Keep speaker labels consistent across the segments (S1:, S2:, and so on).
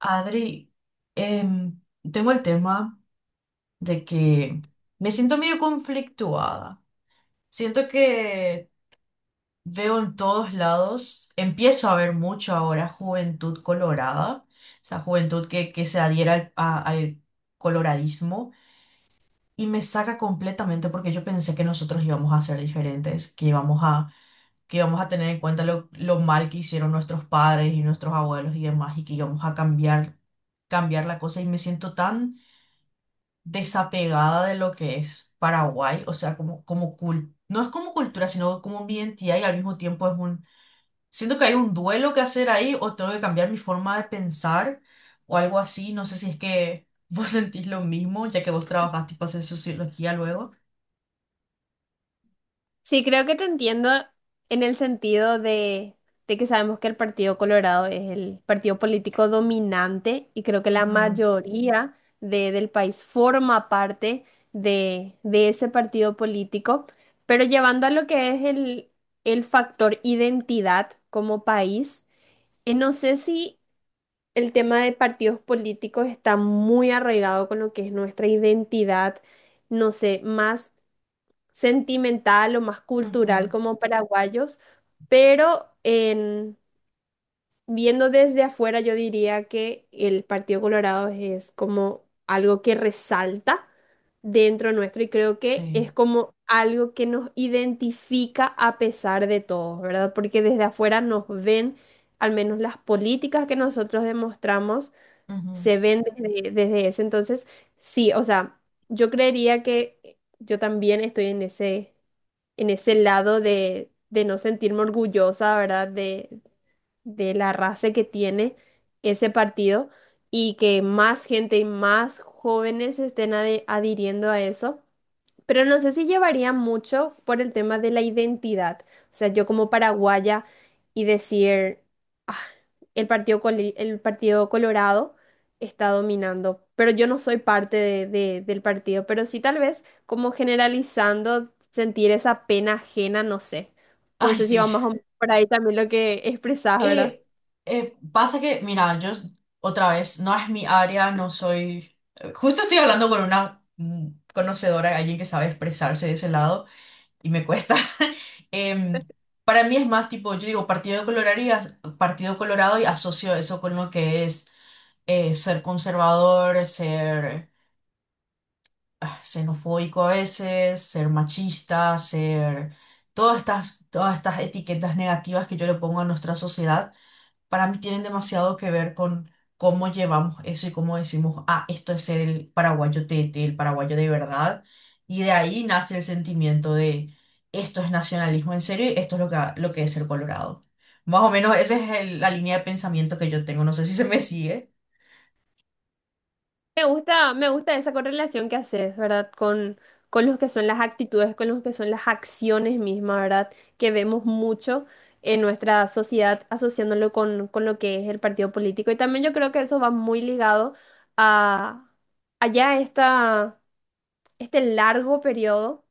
S1: Adri, em, tengo el tema de que me siento medio conflictuada. Siento que veo en todos lados, empiezo a ver mucho ahora juventud colorada, o sea, juventud que se adhiera al coloradismo y me saca completamente porque yo pensé que nosotros íbamos a ser diferentes, que íbamos a tener en cuenta lo mal que hicieron nuestros padres y nuestros abuelos y demás y que íbamos a cambiar, cambiar la cosa y me siento tan desapegada de lo que es Paraguay, o sea, como, no es como cultura, sino como mi identidad y al mismo tiempo siento que hay un duelo que hacer ahí o tengo que cambiar mi forma de pensar o algo así. No sé si es que vos sentís lo mismo, ya que vos trabajás tipo hacer sociología luego.
S2: Sí, creo que te entiendo en el sentido de que sabemos que el Partido Colorado es el partido político dominante y creo que la
S1: Ujú.
S2: mayoría del país forma parte de ese partido político, pero llevando a lo que es el factor identidad como país, no sé si el tema de partidos políticos está muy arraigado con lo que es nuestra identidad, no sé, más sentimental o más cultural
S1: Ujú.
S2: como paraguayos, pero viendo desde afuera yo diría que el Partido Colorado es como algo que resalta dentro nuestro y creo que
S1: Sí.
S2: es como algo que nos identifica a pesar de todo, ¿verdad? Porque desde afuera nos ven, al menos las políticas que nosotros demostramos,
S1: Ujú.
S2: se ven desde ese entonces, sí, o sea, yo creería que yo también estoy en ese lado de no sentirme orgullosa, ¿verdad? De la raza que tiene ese partido y que más gente y más jóvenes estén adhiriendo a eso. Pero no sé si llevaría mucho por el tema de la identidad. O sea, yo como paraguaya y decir, "Ah, el Partido Colorado está dominando, pero yo no soy parte del partido. Pero sí tal vez como generalizando, sentir esa pena ajena, no sé.
S1: Ay,
S2: Entonces sé si
S1: sí.
S2: va más o menos por ahí también lo que expresás, ¿verdad?
S1: Eh, pasa que, mira, yo otra vez, no es mi área, no soy. Justo estoy hablando con una conocedora, alguien que sabe expresarse de ese lado, y me cuesta. Em, para mí es más tipo, yo digo Partido Colorado y asocio eso con lo que es ser conservador, ser xenofóbico a veces, ser machista, ser. Todas estas etiquetas negativas que yo le pongo a nuestra sociedad para mí tienen demasiado que ver con cómo llevamos eso y cómo decimos, ah, esto es ser el paraguayo tete, el paraguayo de verdad. Y de ahí nace el sentimiento de, esto es nacionalismo en serio y esto es lo que es ser colorado. Más o menos esa es la línea de pensamiento que yo tengo. No sé si se me sigue.
S2: Me, gusta, me gusta esa correlación que haces, ¿verdad? Con los que son las actitudes, con los que son las acciones mismas, ¿verdad? Que vemos mucho en nuestra sociedad asociándolo con lo que es el partido político. Y también yo creo que eso va muy ligado a, allá esta este largo periodo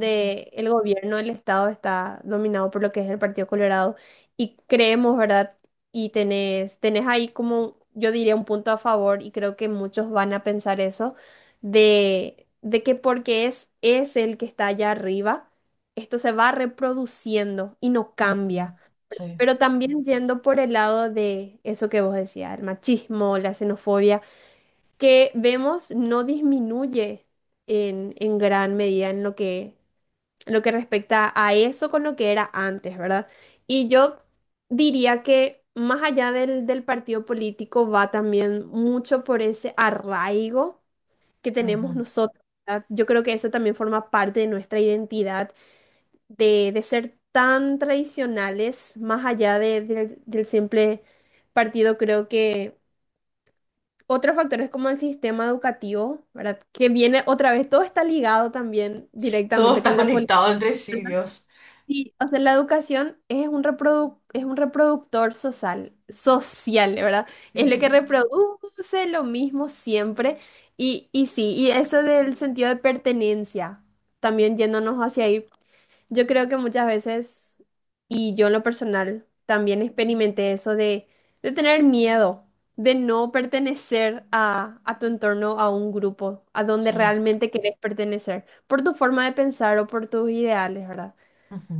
S1: Ujú.
S2: el gobierno el Estado está dominado por lo que es el Partido Colorado y creemos, ¿verdad? Y tenés ahí como, yo diría, un punto a favor y creo que muchos van a pensar eso, de que porque es el que está allá arriba, esto se va reproduciendo y no cambia.
S1: Ujú. Sí.
S2: Pero también yendo por el lado de eso que vos decías, el machismo, la xenofobia que vemos no disminuye en gran medida en lo que respecta a eso con lo que era antes, ¿verdad? Y yo diría que más allá del partido político va también mucho por ese arraigo que tenemos
S1: Ujú.
S2: nosotros, ¿verdad? Yo creo que eso también forma parte de nuestra identidad, de ser tan tradicionales, más allá del simple partido, creo que... Otro factor es como el sistema educativo, ¿verdad? Que viene otra vez, todo está ligado también
S1: Sí, todo
S2: directamente
S1: está
S2: con la política.
S1: conectado entre sí,
S2: ¿Verdad?
S1: Dios.
S2: Sí, o sea, la educación es un es un reproductor social, ¿verdad? Es lo que
S1: Ujú.
S2: reproduce lo mismo siempre. Y sí, y eso del sentido de pertenencia, también yéndonos hacia ahí, yo creo que muchas veces, y yo en lo personal, también experimenté eso de tener miedo, de no pertenecer a tu entorno, a un grupo, a donde
S1: Sí.
S2: realmente querés pertenecer, por tu forma de pensar o por tus ideales, ¿verdad?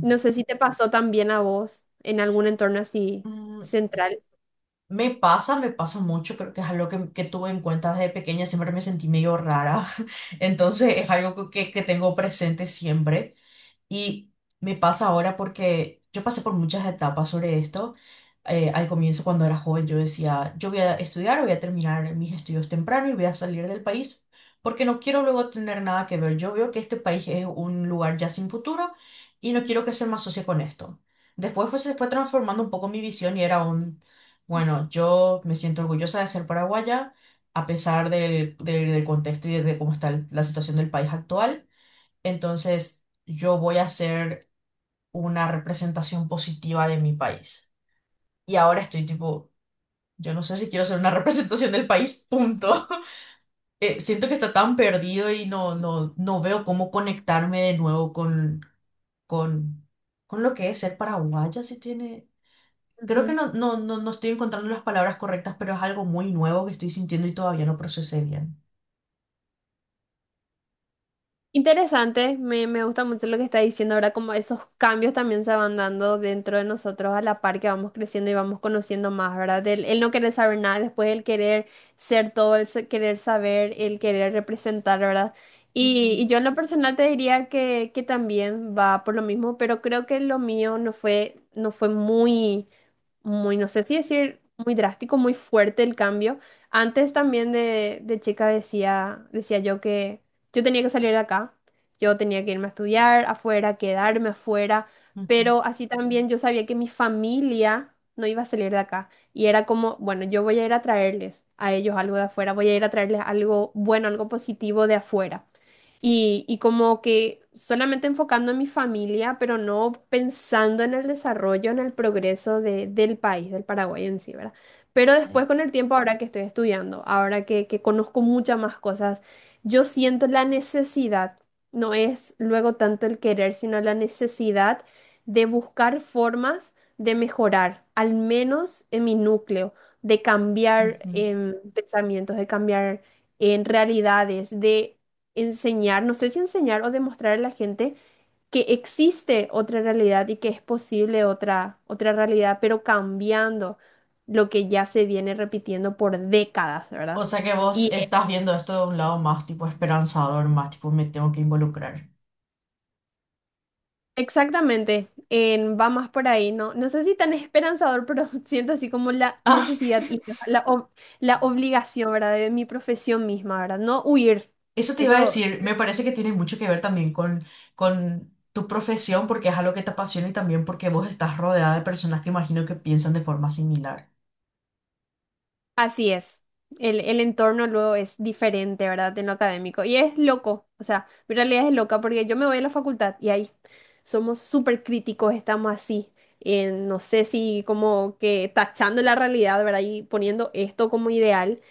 S2: No sé si te pasó también a vos en algún entorno así
S1: Mm.
S2: central.
S1: Me pasa mucho, creo que es algo que tuve en cuenta desde pequeña, siempre me sentí medio rara, entonces es algo que tengo presente siempre. Y me pasa ahora porque yo pasé por muchas etapas sobre esto. Al comienzo, cuando era joven, yo decía, yo voy a estudiar, voy a terminar mis estudios temprano y voy a salir del país porque no quiero luego tener nada que ver. Yo veo que este país es un lugar ya sin futuro y no quiero que se me asocie con esto. Después se fue transformando un poco mi visión y era un, bueno, yo me siento orgullosa de ser paraguaya a pesar del contexto y de cómo está la situación del país actual. Entonces, yo voy a hacer una representación positiva de mi país. Y ahora estoy tipo, yo no sé si quiero hacer una representación del país, punto. Siento que está tan perdido y no veo cómo conectarme de nuevo con, con lo que es ser paraguaya, si tiene. Creo que no estoy encontrando las palabras correctas, pero es algo muy nuevo que estoy sintiendo y todavía no procesé bien.
S2: Interesante, me gusta mucho lo que está diciendo ahora, como esos cambios también se van dando dentro de nosotros a la par que vamos creciendo y vamos conociendo más, ¿verdad? El no querer saber nada, después el querer ser todo, el querer saber, el querer representar, ¿verdad?
S1: Ujú.
S2: Y yo en lo personal te diría que también va por lo mismo, pero creo que lo mío no fue muy no sé si decir muy drástico, muy fuerte el cambio. Antes también de chica decía yo que yo tenía que salir de acá, yo tenía que irme a estudiar afuera, quedarme afuera,
S1: Ujú.
S2: pero así también yo sabía que mi familia no iba a salir de acá. Y era como, bueno, yo voy a ir a traerles a ellos algo de afuera, voy a ir a traerles algo bueno, algo positivo de afuera. Y como que solamente enfocando en mi familia, pero no pensando en el desarrollo, en el progreso del país, del Paraguay en sí, ¿verdad? Pero
S1: Sí.
S2: después con el tiempo, ahora que estoy estudiando, ahora que conozco muchas más cosas, yo siento la necesidad, no es luego tanto el querer, sino la necesidad de buscar formas de mejorar, al menos en mi núcleo, de cambiar
S1: Ujú.
S2: pensamientos, de cambiar en realidades, de enseñar, no sé si enseñar o demostrar a la gente que existe otra realidad y que es posible otra, otra realidad, pero cambiando lo que ya se viene repitiendo por décadas,
S1: O
S2: ¿verdad?
S1: sea que vos
S2: Y
S1: estás viendo esto de un lado más tipo esperanzador, más tipo me tengo que involucrar.
S2: exactamente, en, va más por ahí, ¿no? No sé si tan esperanzador, pero siento así como la necesidad y la obligación, ¿verdad? De mi profesión misma, ¿verdad? No huir.
S1: Eso te iba a
S2: Eso
S1: decir, me parece que tiene mucho que ver también con tu profesión, porque es algo que te apasiona y también porque vos estás rodeada de personas que imagino que piensan de forma similar.
S2: Así es. El entorno luego es diferente, ¿verdad? En lo académico. Y es loco. O sea, mi realidad es loca porque yo me voy a la facultad y ahí somos súper críticos, estamos así. En, no sé si como que tachando la realidad, ¿verdad? Y poniendo esto como ideal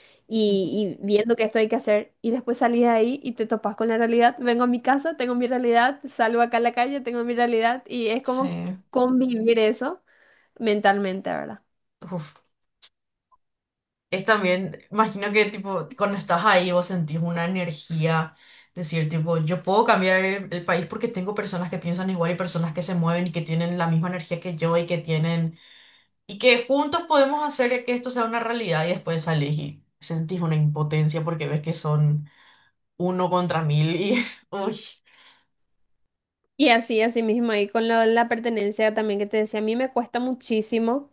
S1: Ujú.
S2: y viendo que esto hay que hacer. Y después salís de ahí y te topas con la realidad. Vengo a mi casa, tengo mi realidad, salgo acá a la calle, tengo mi realidad. Y es
S1: Sí.
S2: como convivir eso mentalmente, ¿verdad?
S1: Uf. Es también, imagino que tipo, cuando estás ahí vos sentís una energía, decir tipo, yo puedo cambiar el país porque tengo personas que piensan igual y personas que se mueven y que tienen la misma energía que yo y que tienen, y que juntos podemos hacer que esto sea una realidad y después salís y sentís una impotencia porque ves que son uno contra mil y, uy,
S2: Y así, así mismo, y con la pertenencia también que te decía, a mí me cuesta muchísimo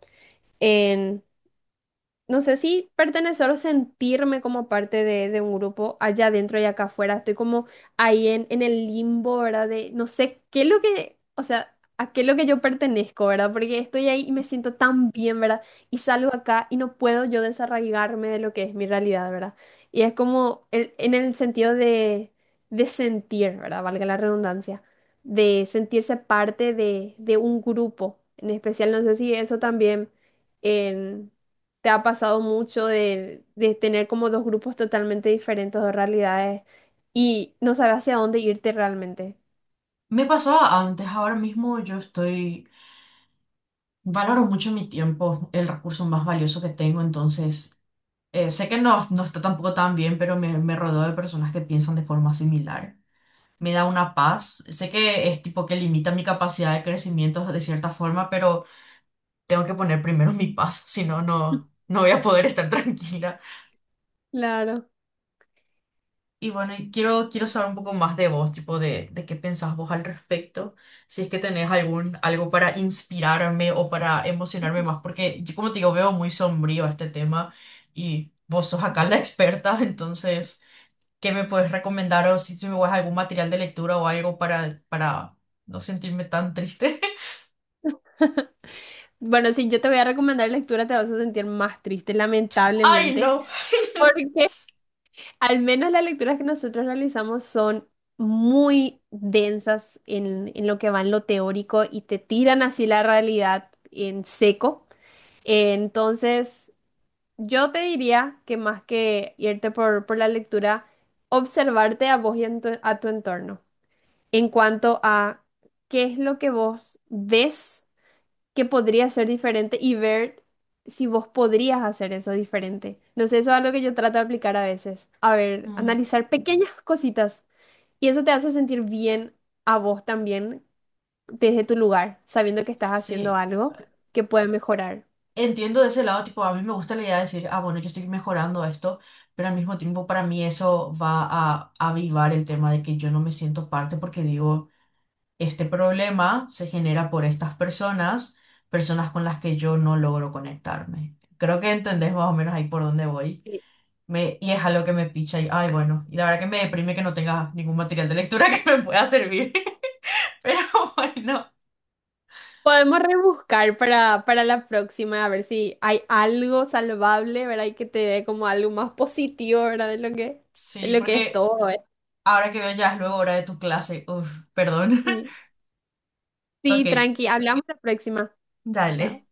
S2: no sé si pertenecer o sentirme como parte de un grupo allá adentro y acá afuera. Estoy como ahí en el limbo, ¿verdad? De no sé qué es lo que, o sea, a qué es lo que yo pertenezco, ¿verdad? Porque estoy ahí y me siento tan bien, ¿verdad? Y salgo acá y no puedo yo desarraigarme de lo que es mi realidad, ¿verdad? Y es como en el sentido de sentir, ¿verdad? Valga la redundancia, de sentirse parte de un grupo. En especial, no sé si eso también... En, te ha pasado mucho de tener como dos grupos totalmente diferentes, dos realidades, y no sabes hacia dónde irte realmente.
S1: me pasaba antes, ahora mismo yo estoy, valoro mucho mi tiempo, el recurso más valioso que tengo, entonces. Sé que no está tampoco tan bien, pero me rodeo de personas que piensan de forma similar. Me da una paz. Sé que es tipo que limita mi capacidad de crecimiento de cierta forma, pero tengo que poner primero mi paz, si no, no voy a poder estar tranquila.
S2: Claro.
S1: Y bueno, y quiero saber un poco más de vos, tipo de qué pensás vos al respecto, si es que tenés algo para inspirarme o para emocionarme más, porque yo como te digo, veo muy sombrío este tema y vos sos acá la experta, entonces. ¿Qué me puedes recomendar o si me guías algún material de lectura o algo para no sentirme tan triste?
S2: Bueno, si yo te voy a recomendar lectura, te vas a sentir más triste,
S1: ¡Ay,
S2: lamentablemente,
S1: no!
S2: porque al menos las lecturas que nosotros realizamos son muy densas en lo que va en lo teórico y te tiran así la realidad en seco. Entonces, yo te diría que más que irte por la lectura, observarte a vos y en a tu entorno en cuanto a qué es lo que vos ves que podría ser diferente y ver si vos podrías hacer eso diferente. No sé, eso es algo que yo trato de aplicar a veces. A ver,
S1: Mm,
S2: analizar pequeñas cositas y eso te hace sentir bien a vos también desde tu lugar, sabiendo que estás haciendo
S1: sí,
S2: algo que puede mejorar.
S1: entiendo de ese lado, tipo, a mí me gusta la idea de decir, ah, bueno, yo estoy mejorando esto, pero al mismo tiempo para mí eso va a avivar el tema de que yo no me siento parte porque digo, este problema se genera por estas personas, personas con las que yo no logro conectarme. Creo que entendés más o menos ahí por dónde voy. Y es algo que me picha y, ay, bueno, y la verdad que me deprime que no tenga ningún material de lectura que me pueda servir. Pero bueno,
S2: Podemos rebuscar para la próxima, a ver si hay algo salvable, ¿verdad? Y que te dé como algo más positivo, ¿verdad? De
S1: sí,
S2: lo que es
S1: porque
S2: todo, ¿eh?
S1: ahora que veo ya es luego hora de tu clase. Uf, perdón.
S2: Sí.
S1: Ok,
S2: Sí, tranqui. Hablamos la próxima. Chao.
S1: dale.